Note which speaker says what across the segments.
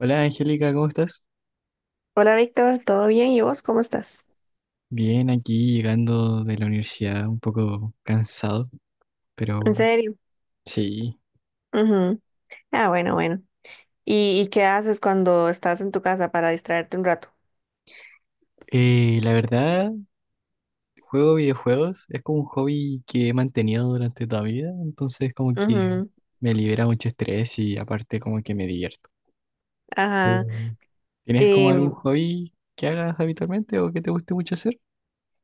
Speaker 1: Hola Angélica, ¿cómo estás?
Speaker 2: Hola Víctor, ¿todo bien? ¿Y vos cómo estás?
Speaker 1: Bien, aquí llegando de la universidad, un poco cansado,
Speaker 2: ¿En
Speaker 1: pero
Speaker 2: serio?
Speaker 1: sí.
Speaker 2: Ujú. Ah, bueno, bueno. ¿Y qué haces cuando estás en tu casa para distraerte un rato?
Speaker 1: La verdad, juego videojuegos, es como un hobby que he mantenido durante toda mi vida, entonces como que
Speaker 2: Ujú.
Speaker 1: me libera mucho estrés y aparte como que me divierto.
Speaker 2: Ajá.
Speaker 1: Mm. ¿Tienes como algún
Speaker 2: Em,
Speaker 1: hobby que hagas habitualmente o que te guste mucho hacer?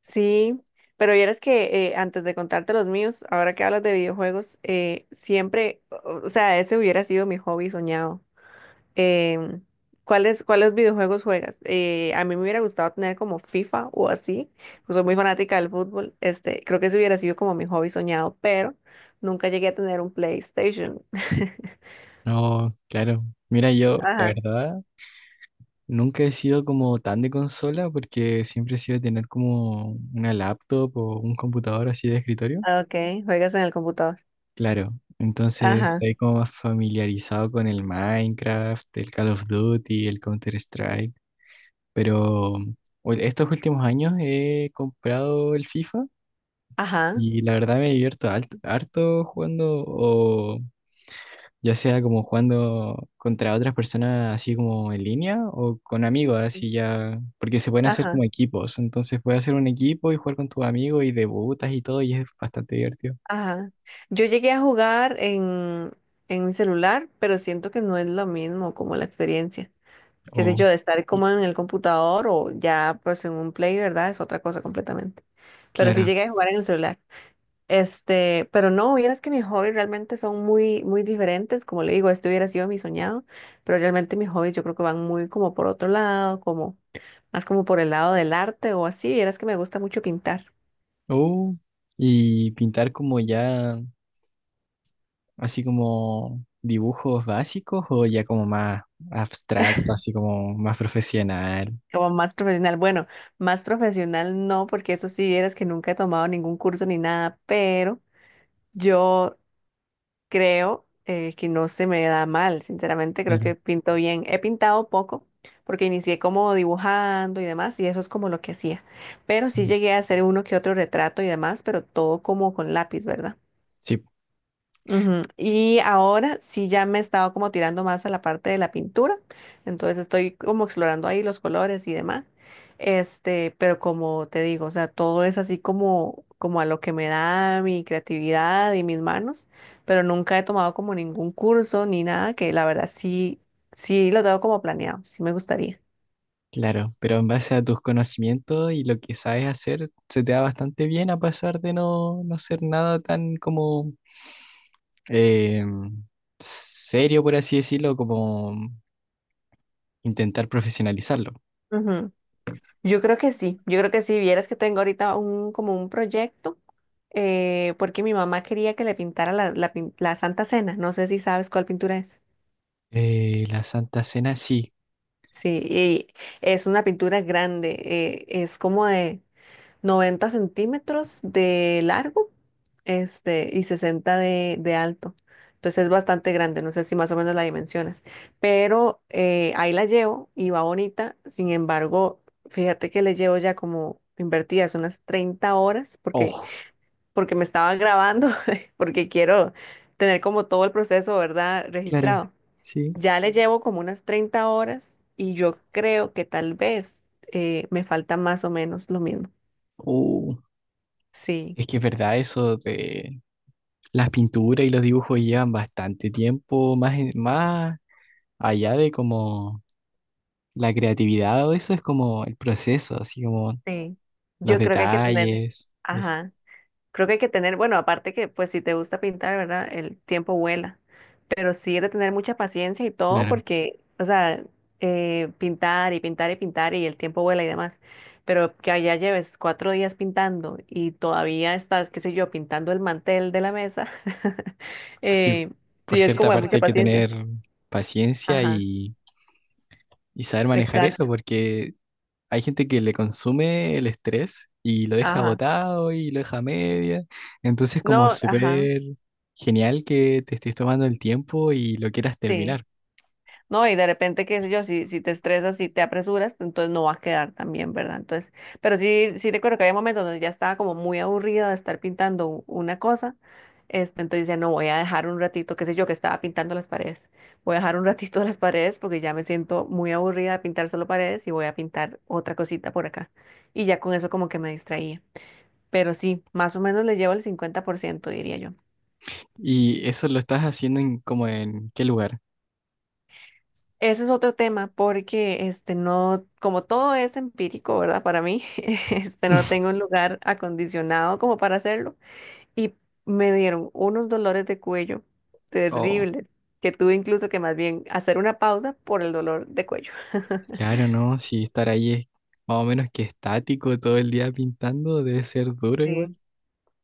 Speaker 2: sí, pero vieras que antes de contarte los míos, ahora que hablas de videojuegos, siempre, o sea, ese hubiera sido mi hobby soñado. Em, ¿Cuáles videojuegos juegas? A mí me hubiera gustado tener como FIFA o así, pues soy muy fanática del fútbol, este, creo que eso hubiera sido como mi hobby soñado, pero nunca llegué a tener un PlayStation.
Speaker 1: No, claro. Mira, yo, la
Speaker 2: Ajá,
Speaker 1: verdad, nunca he sido como tan de consola porque siempre he sido de tener como una laptop o un computador así de escritorio.
Speaker 2: okay, juegas en el computador.
Speaker 1: Claro, entonces
Speaker 2: Ajá,
Speaker 1: estoy como más familiarizado con el Minecraft, el Call of Duty, el Counter-Strike, pero estos últimos años he comprado el FIFA
Speaker 2: ajá,
Speaker 1: y la verdad me divierto harto jugando, ya sea como jugando contra otras personas así como en línea o con amigos, así ya, porque se pueden hacer
Speaker 2: ajá,
Speaker 1: como equipos, entonces puedes hacer un equipo y jugar con tus amigos y debutas y todo y es bastante divertido.
Speaker 2: ajá. Yo llegué a jugar en mi celular, pero siento que no es lo mismo como la experiencia. Qué sé yo,
Speaker 1: Oh,
Speaker 2: de estar como en el computador o ya pues en un play, ¿verdad? Es otra cosa completamente. Pero sí
Speaker 1: claro.
Speaker 2: llegué a jugar en el celular. Este, pero no, vieras que mis hobbies realmente son muy, muy diferentes. Como le digo, esto hubiera sido mi soñado, pero realmente mis hobbies yo creo que van muy como por otro lado, como más como por el lado del arte o así. Vieras que me gusta mucho pintar,
Speaker 1: Oh, y pintar como ya, así como dibujos básicos o ya como más abstracto, así como más profesional.
Speaker 2: como más profesional. Bueno, más profesional no, porque eso sí, vieras que nunca he tomado ningún curso ni nada, pero yo creo que no se me da mal, sinceramente, creo
Speaker 1: Claro.
Speaker 2: que pinto bien. He pintado poco porque inicié como dibujando y demás y eso es como lo que hacía. Pero sí
Speaker 1: Claro.
Speaker 2: llegué a hacer uno que otro retrato y demás, pero todo como con lápiz, ¿verdad?
Speaker 1: Sí.
Speaker 2: Ujú. Y ahora sí ya me he estado como tirando más a la parte de la pintura, entonces estoy como explorando ahí los colores y demás. Este, pero como te digo, o sea, todo es así como a lo que me da mi creatividad y mis manos, pero nunca he tomado como ningún curso ni nada que la verdad sí lo tengo como planeado, sí me gustaría.
Speaker 1: Claro, pero en base a tus conocimientos y lo que sabes hacer, se te da bastante bien a pesar de no, no ser nada tan como eh, serio, por así decirlo, como intentar profesionalizarlo.
Speaker 2: Yo creo que sí, yo creo que sí, vieras que tengo ahorita un, como un proyecto, porque mi mamá quería que le pintara la Santa Cena, no sé si sabes cuál pintura es.
Speaker 1: La Santa Cena, sí.
Speaker 2: Sí, y es una pintura grande, es como 90 centímetros de largo, este, y 60 de alto. Entonces es bastante grande, no sé si más o menos la dimensionas, pero ahí la llevo y va bonita. Sin embargo, fíjate que le llevo ya como invertidas unas 30 horas porque,
Speaker 1: Oh,
Speaker 2: porque me estaba grabando, porque quiero tener como todo el proceso, ¿verdad?
Speaker 1: claro,
Speaker 2: Registrado.
Speaker 1: sí.
Speaker 2: Ya le llevo como unas 30 horas y yo creo que tal vez me falta más o menos lo mismo.
Speaker 1: Uh,
Speaker 2: Sí.
Speaker 1: es que es verdad eso de las pinturas y los dibujos llevan bastante tiempo, más, más allá de como la creatividad o eso es como el proceso, así como
Speaker 2: Sí,
Speaker 1: los
Speaker 2: yo creo que hay que tener,
Speaker 1: detalles. Eso.
Speaker 2: ajá, creo que hay que tener, bueno, aparte que pues si te gusta pintar, ¿verdad? El tiempo vuela, pero sí es de tener mucha paciencia y todo
Speaker 1: Claro,
Speaker 2: porque, o sea, pintar y pintar y pintar y el tiempo vuela y demás, pero que allá lleves 4 días pintando y todavía estás, qué sé yo, pintando el mantel de la mesa,
Speaker 1: sí,
Speaker 2: eh,
Speaker 1: por Estoy
Speaker 2: sí
Speaker 1: de
Speaker 2: es
Speaker 1: cierta
Speaker 2: como de
Speaker 1: parte
Speaker 2: mucha
Speaker 1: hay acuerdo. Que
Speaker 2: paciencia.
Speaker 1: tener paciencia
Speaker 2: Ajá,
Speaker 1: y saber manejar eso,
Speaker 2: exacto,
Speaker 1: porque hay gente que le consume el estrés y lo deja
Speaker 2: ajá,
Speaker 1: botado y lo deja a media. Entonces, como Ajá.
Speaker 2: no, ajá,
Speaker 1: súper genial que te estés tomando el tiempo y lo quieras
Speaker 2: sí.
Speaker 1: terminar.
Speaker 2: ¿No? Y de repente, qué sé yo, si te estresas, si te apresuras, pues entonces no va a quedar tan bien, ¿verdad? Entonces, pero sí, sí recuerdo que había momentos donde ya estaba como muy aburrida de estar pintando una cosa, este, entonces ya no voy a dejar un ratito, qué sé yo, que estaba pintando las paredes, voy a dejar un ratito las paredes porque ya me siento muy aburrida de pintar solo paredes y voy a pintar otra cosita por acá. Y ya con eso como que me distraía. Pero sí, más o menos le llevo el 50% diría yo.
Speaker 1: ¿Y eso lo estás haciendo en, como en qué lugar?
Speaker 2: Ese es otro tema porque este no, como todo es empírico, ¿verdad? Para mí, este no tengo un lugar acondicionado como para hacerlo y me dieron unos dolores de cuello
Speaker 1: Oh,
Speaker 2: terribles que tuve incluso que más bien hacer una pausa por el dolor de cuello.
Speaker 1: claro, no, si estar ahí es más o menos que estático todo el día pintando, debe ser duro igual.
Speaker 2: Sí.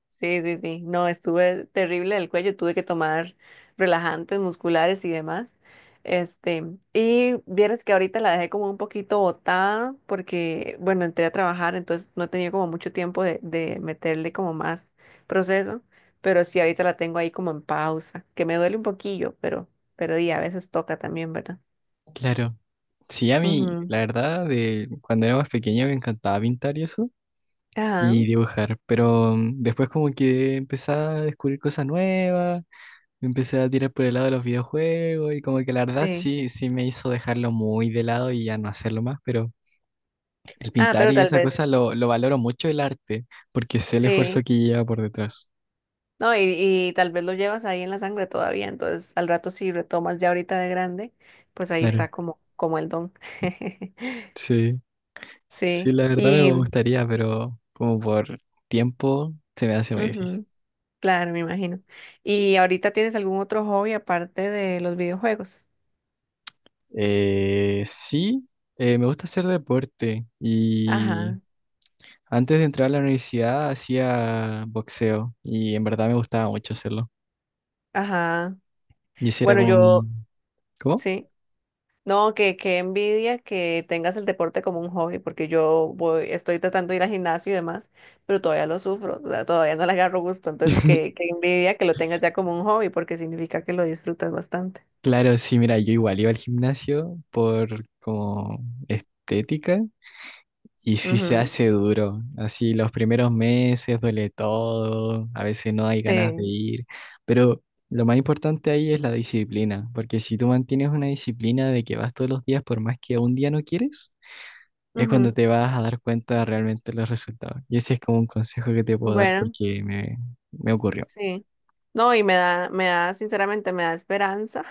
Speaker 2: Sí, sí, sí. No, estuve terrible del cuello, tuve que tomar relajantes musculares y demás. Este, y vieras que ahorita la dejé como un poquito botada porque, bueno, entré a trabajar, entonces no he tenido como mucho tiempo de meterle como más proceso, pero sí ahorita la tengo ahí como en pausa, que me duele un poquillo, pero di, a veces toca también, ¿verdad?
Speaker 1: Claro. Sí, a mí,
Speaker 2: Ujú.
Speaker 1: la verdad, de cuando era más pequeño me encantaba pintar y eso,
Speaker 2: Ajá,
Speaker 1: y dibujar, pero después como que empecé a descubrir cosas nuevas, me empecé a tirar por el lado de los videojuegos y como que la verdad
Speaker 2: sí.
Speaker 1: sí, sí me hizo dejarlo muy de lado y ya no hacerlo más, pero el
Speaker 2: Ah,
Speaker 1: pintar
Speaker 2: pero
Speaker 1: y
Speaker 2: tal
Speaker 1: esa cosa
Speaker 2: vez,
Speaker 1: entender. Lo valoro mucho el arte, porque sé el esfuerzo Sí,
Speaker 2: sí.
Speaker 1: que lleva por detrás.
Speaker 2: No, y tal vez lo llevas ahí en la sangre todavía, entonces al rato si retomas ya ahorita de grande, pues ahí
Speaker 1: Claro,
Speaker 2: está
Speaker 1: exacto.
Speaker 2: como el don.
Speaker 1: Sí, sí,
Speaker 2: Sí,
Speaker 1: la verdad me
Speaker 2: y
Speaker 1: Sí. gustaría, pero como por tiempo se me hace muy difícil.
Speaker 2: ujú, claro, me imagino. ¿Y ahorita tienes algún otro hobby aparte de los videojuegos?
Speaker 1: Sí, me gusta hacer deporte y
Speaker 2: Ajá,
Speaker 1: antes de entrar a la universidad hacía boxeo y en verdad me gustaba mucho hacerlo.
Speaker 2: ajá.
Speaker 1: Y ese era
Speaker 2: Bueno,
Speaker 1: como Bueno, mi...
Speaker 2: yo,
Speaker 1: ¿Cómo?
Speaker 2: sí. No, que envidia que tengas el deporte como un hobby, porque yo voy, estoy tratando de ir al gimnasio y demás, pero todavía lo sufro, o sea, todavía no le agarro gusto, entonces que, que envidia que lo tengas ya como un hobby, porque significa que lo disfrutas bastante.
Speaker 1: Claro, sí, mira, yo igual iba al gimnasio por como estética. Y sí se
Speaker 2: Ujú.
Speaker 1: hace duro, así los primeros meses duele todo, a veces no hay ganas de
Speaker 2: Sí.
Speaker 1: ir, pero lo más importante ahí es la disciplina, porque si tú mantienes una disciplina de que vas todos los días por más que un día no quieres, es cuando
Speaker 2: Ujú.
Speaker 1: te vas a dar cuenta de realmente los resultados. Y ese es como un consejo que te puedo dar
Speaker 2: Bueno,
Speaker 1: porque me ocurrió.
Speaker 2: sí. No, y sinceramente, me da esperanza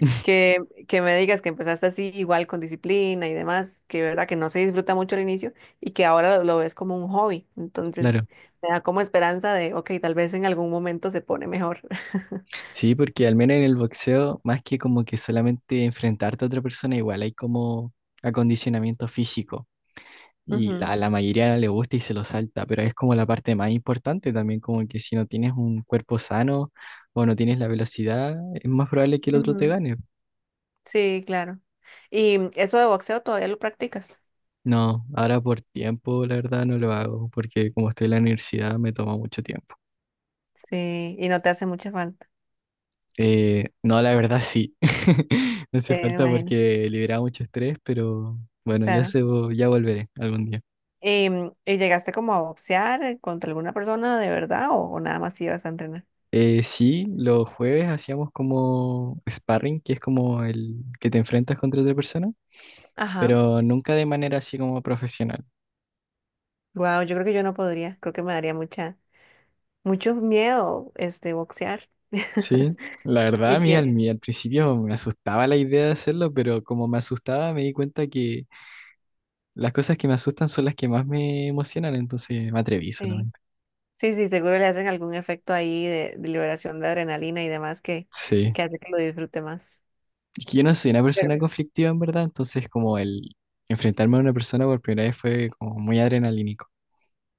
Speaker 2: que, que me digas que empezaste así igual con disciplina y demás, que verdad que no se disfruta mucho al inicio y que ahora lo ves como un hobby. Entonces,
Speaker 1: Claro,
Speaker 2: me da como esperanza de, ok, tal vez en algún momento se pone mejor.
Speaker 1: sí, porque al menos en el boxeo, más que como que solamente enfrentarte a otra persona, igual hay como acondicionamiento físico. Y a la mayoría no le gusta y se lo salta, pero es como la parte más importante también, como que si no tienes un cuerpo sano o no tienes la velocidad, es más probable que el
Speaker 2: Ujú,
Speaker 1: otro
Speaker 2: ujú.
Speaker 1: te gane.
Speaker 2: Sí, claro. ¿Y eso de boxeo todavía lo practicas?
Speaker 1: No, ahora por tiempo, la verdad no lo hago, porque como estoy en la universidad me toma mucho tiempo.
Speaker 2: Sí, y no te hace mucha falta.
Speaker 1: No, la verdad sí. No hace
Speaker 2: Sí, me
Speaker 1: falta
Speaker 2: imagino,
Speaker 1: porque libera mucho estrés, pero bueno,
Speaker 2: claro.
Speaker 1: ya volveré algún día.
Speaker 2: ¿Y llegaste como a boxear contra alguna persona de verdad o nada más ibas a entrenar?
Speaker 1: Sí, los jueves hacíamos como sparring, que es como el que te enfrentas contra otra persona.
Speaker 2: Ajá.
Speaker 1: Pero nunca de manera así como profesional.
Speaker 2: Wow, yo creo que yo no podría, creo que me daría mucha... mucho miedo este boxear.
Speaker 1: ¿Sí? La verdad,
Speaker 2: Y que
Speaker 1: mí al principio me asustaba la idea de hacerlo, pero como me asustaba me di cuenta que las cosas que me asustan son las que más me emocionan, entonces me atreví
Speaker 2: sí,
Speaker 1: solamente.
Speaker 2: sí, sí, seguro le hacen algún efecto ahí de liberación de adrenalina y demás
Speaker 1: Sí.
Speaker 2: que hace que lo disfrute más.
Speaker 1: Es que yo no soy una
Speaker 2: Pero,
Speaker 1: persona conflictiva en verdad, entonces como el enfrentarme a una persona por primera vez fue como muy adrenalínico.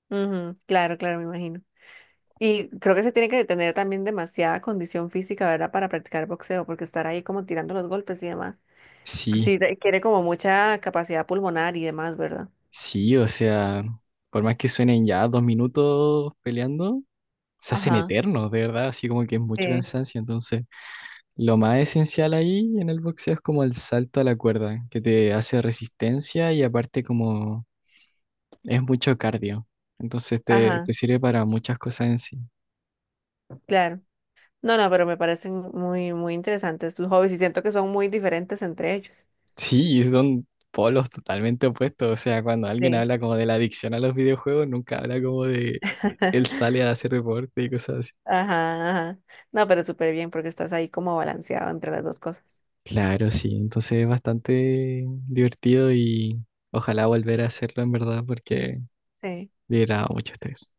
Speaker 2: ujú, claro, claro, me imagino. Y creo que se tiene que tener también demasiada condición física, ¿verdad? Para practicar boxeo, porque estar ahí como tirando los golpes y demás. Pues
Speaker 1: Sí,
Speaker 2: sí, requiere como mucha capacidad pulmonar y demás, ¿verdad?
Speaker 1: sí, o sea, por más que suenen ya 2 minutos peleando, se hacen
Speaker 2: Ajá,
Speaker 1: eternos, de verdad, así como que es mucho
Speaker 2: sí,
Speaker 1: cansancio, entonces... Lo más esencial ahí en el boxeo es como el salto a la cuerda, que te hace resistencia y aparte como es mucho cardio. Entonces te,
Speaker 2: ajá,
Speaker 1: te sirve para muchas cosas en sí.
Speaker 2: claro. No, no, pero me parecen muy, muy interesantes tus hobbies y siento que son muy diferentes entre ellos.
Speaker 1: Sí, y son polos totalmente opuestos. O sea, cuando alguien
Speaker 2: Sí.
Speaker 1: habla como de la adicción a los videojuegos, nunca habla como de él sale a hacer deporte y cosas así.
Speaker 2: Ajá, ajá. No, pero súper bien porque estás ahí como balanceado entre las dos cosas.
Speaker 1: Claro, sí. Entonces es bastante divertido y ojalá volver a hacerlo en verdad porque
Speaker 2: Sí.
Speaker 1: le da mucho estrés.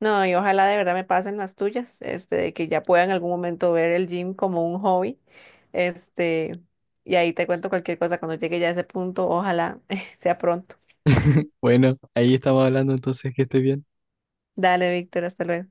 Speaker 2: No, y ojalá de verdad me pasen las tuyas, este, de que ya pueda en algún momento ver el gym como un hobby. Este, y ahí te cuento cualquier cosa cuando llegue ya a ese punto, ojalá sea pronto.
Speaker 1: Bueno, ahí estamos hablando entonces que esté bien.
Speaker 2: Dale, Víctor, hasta luego.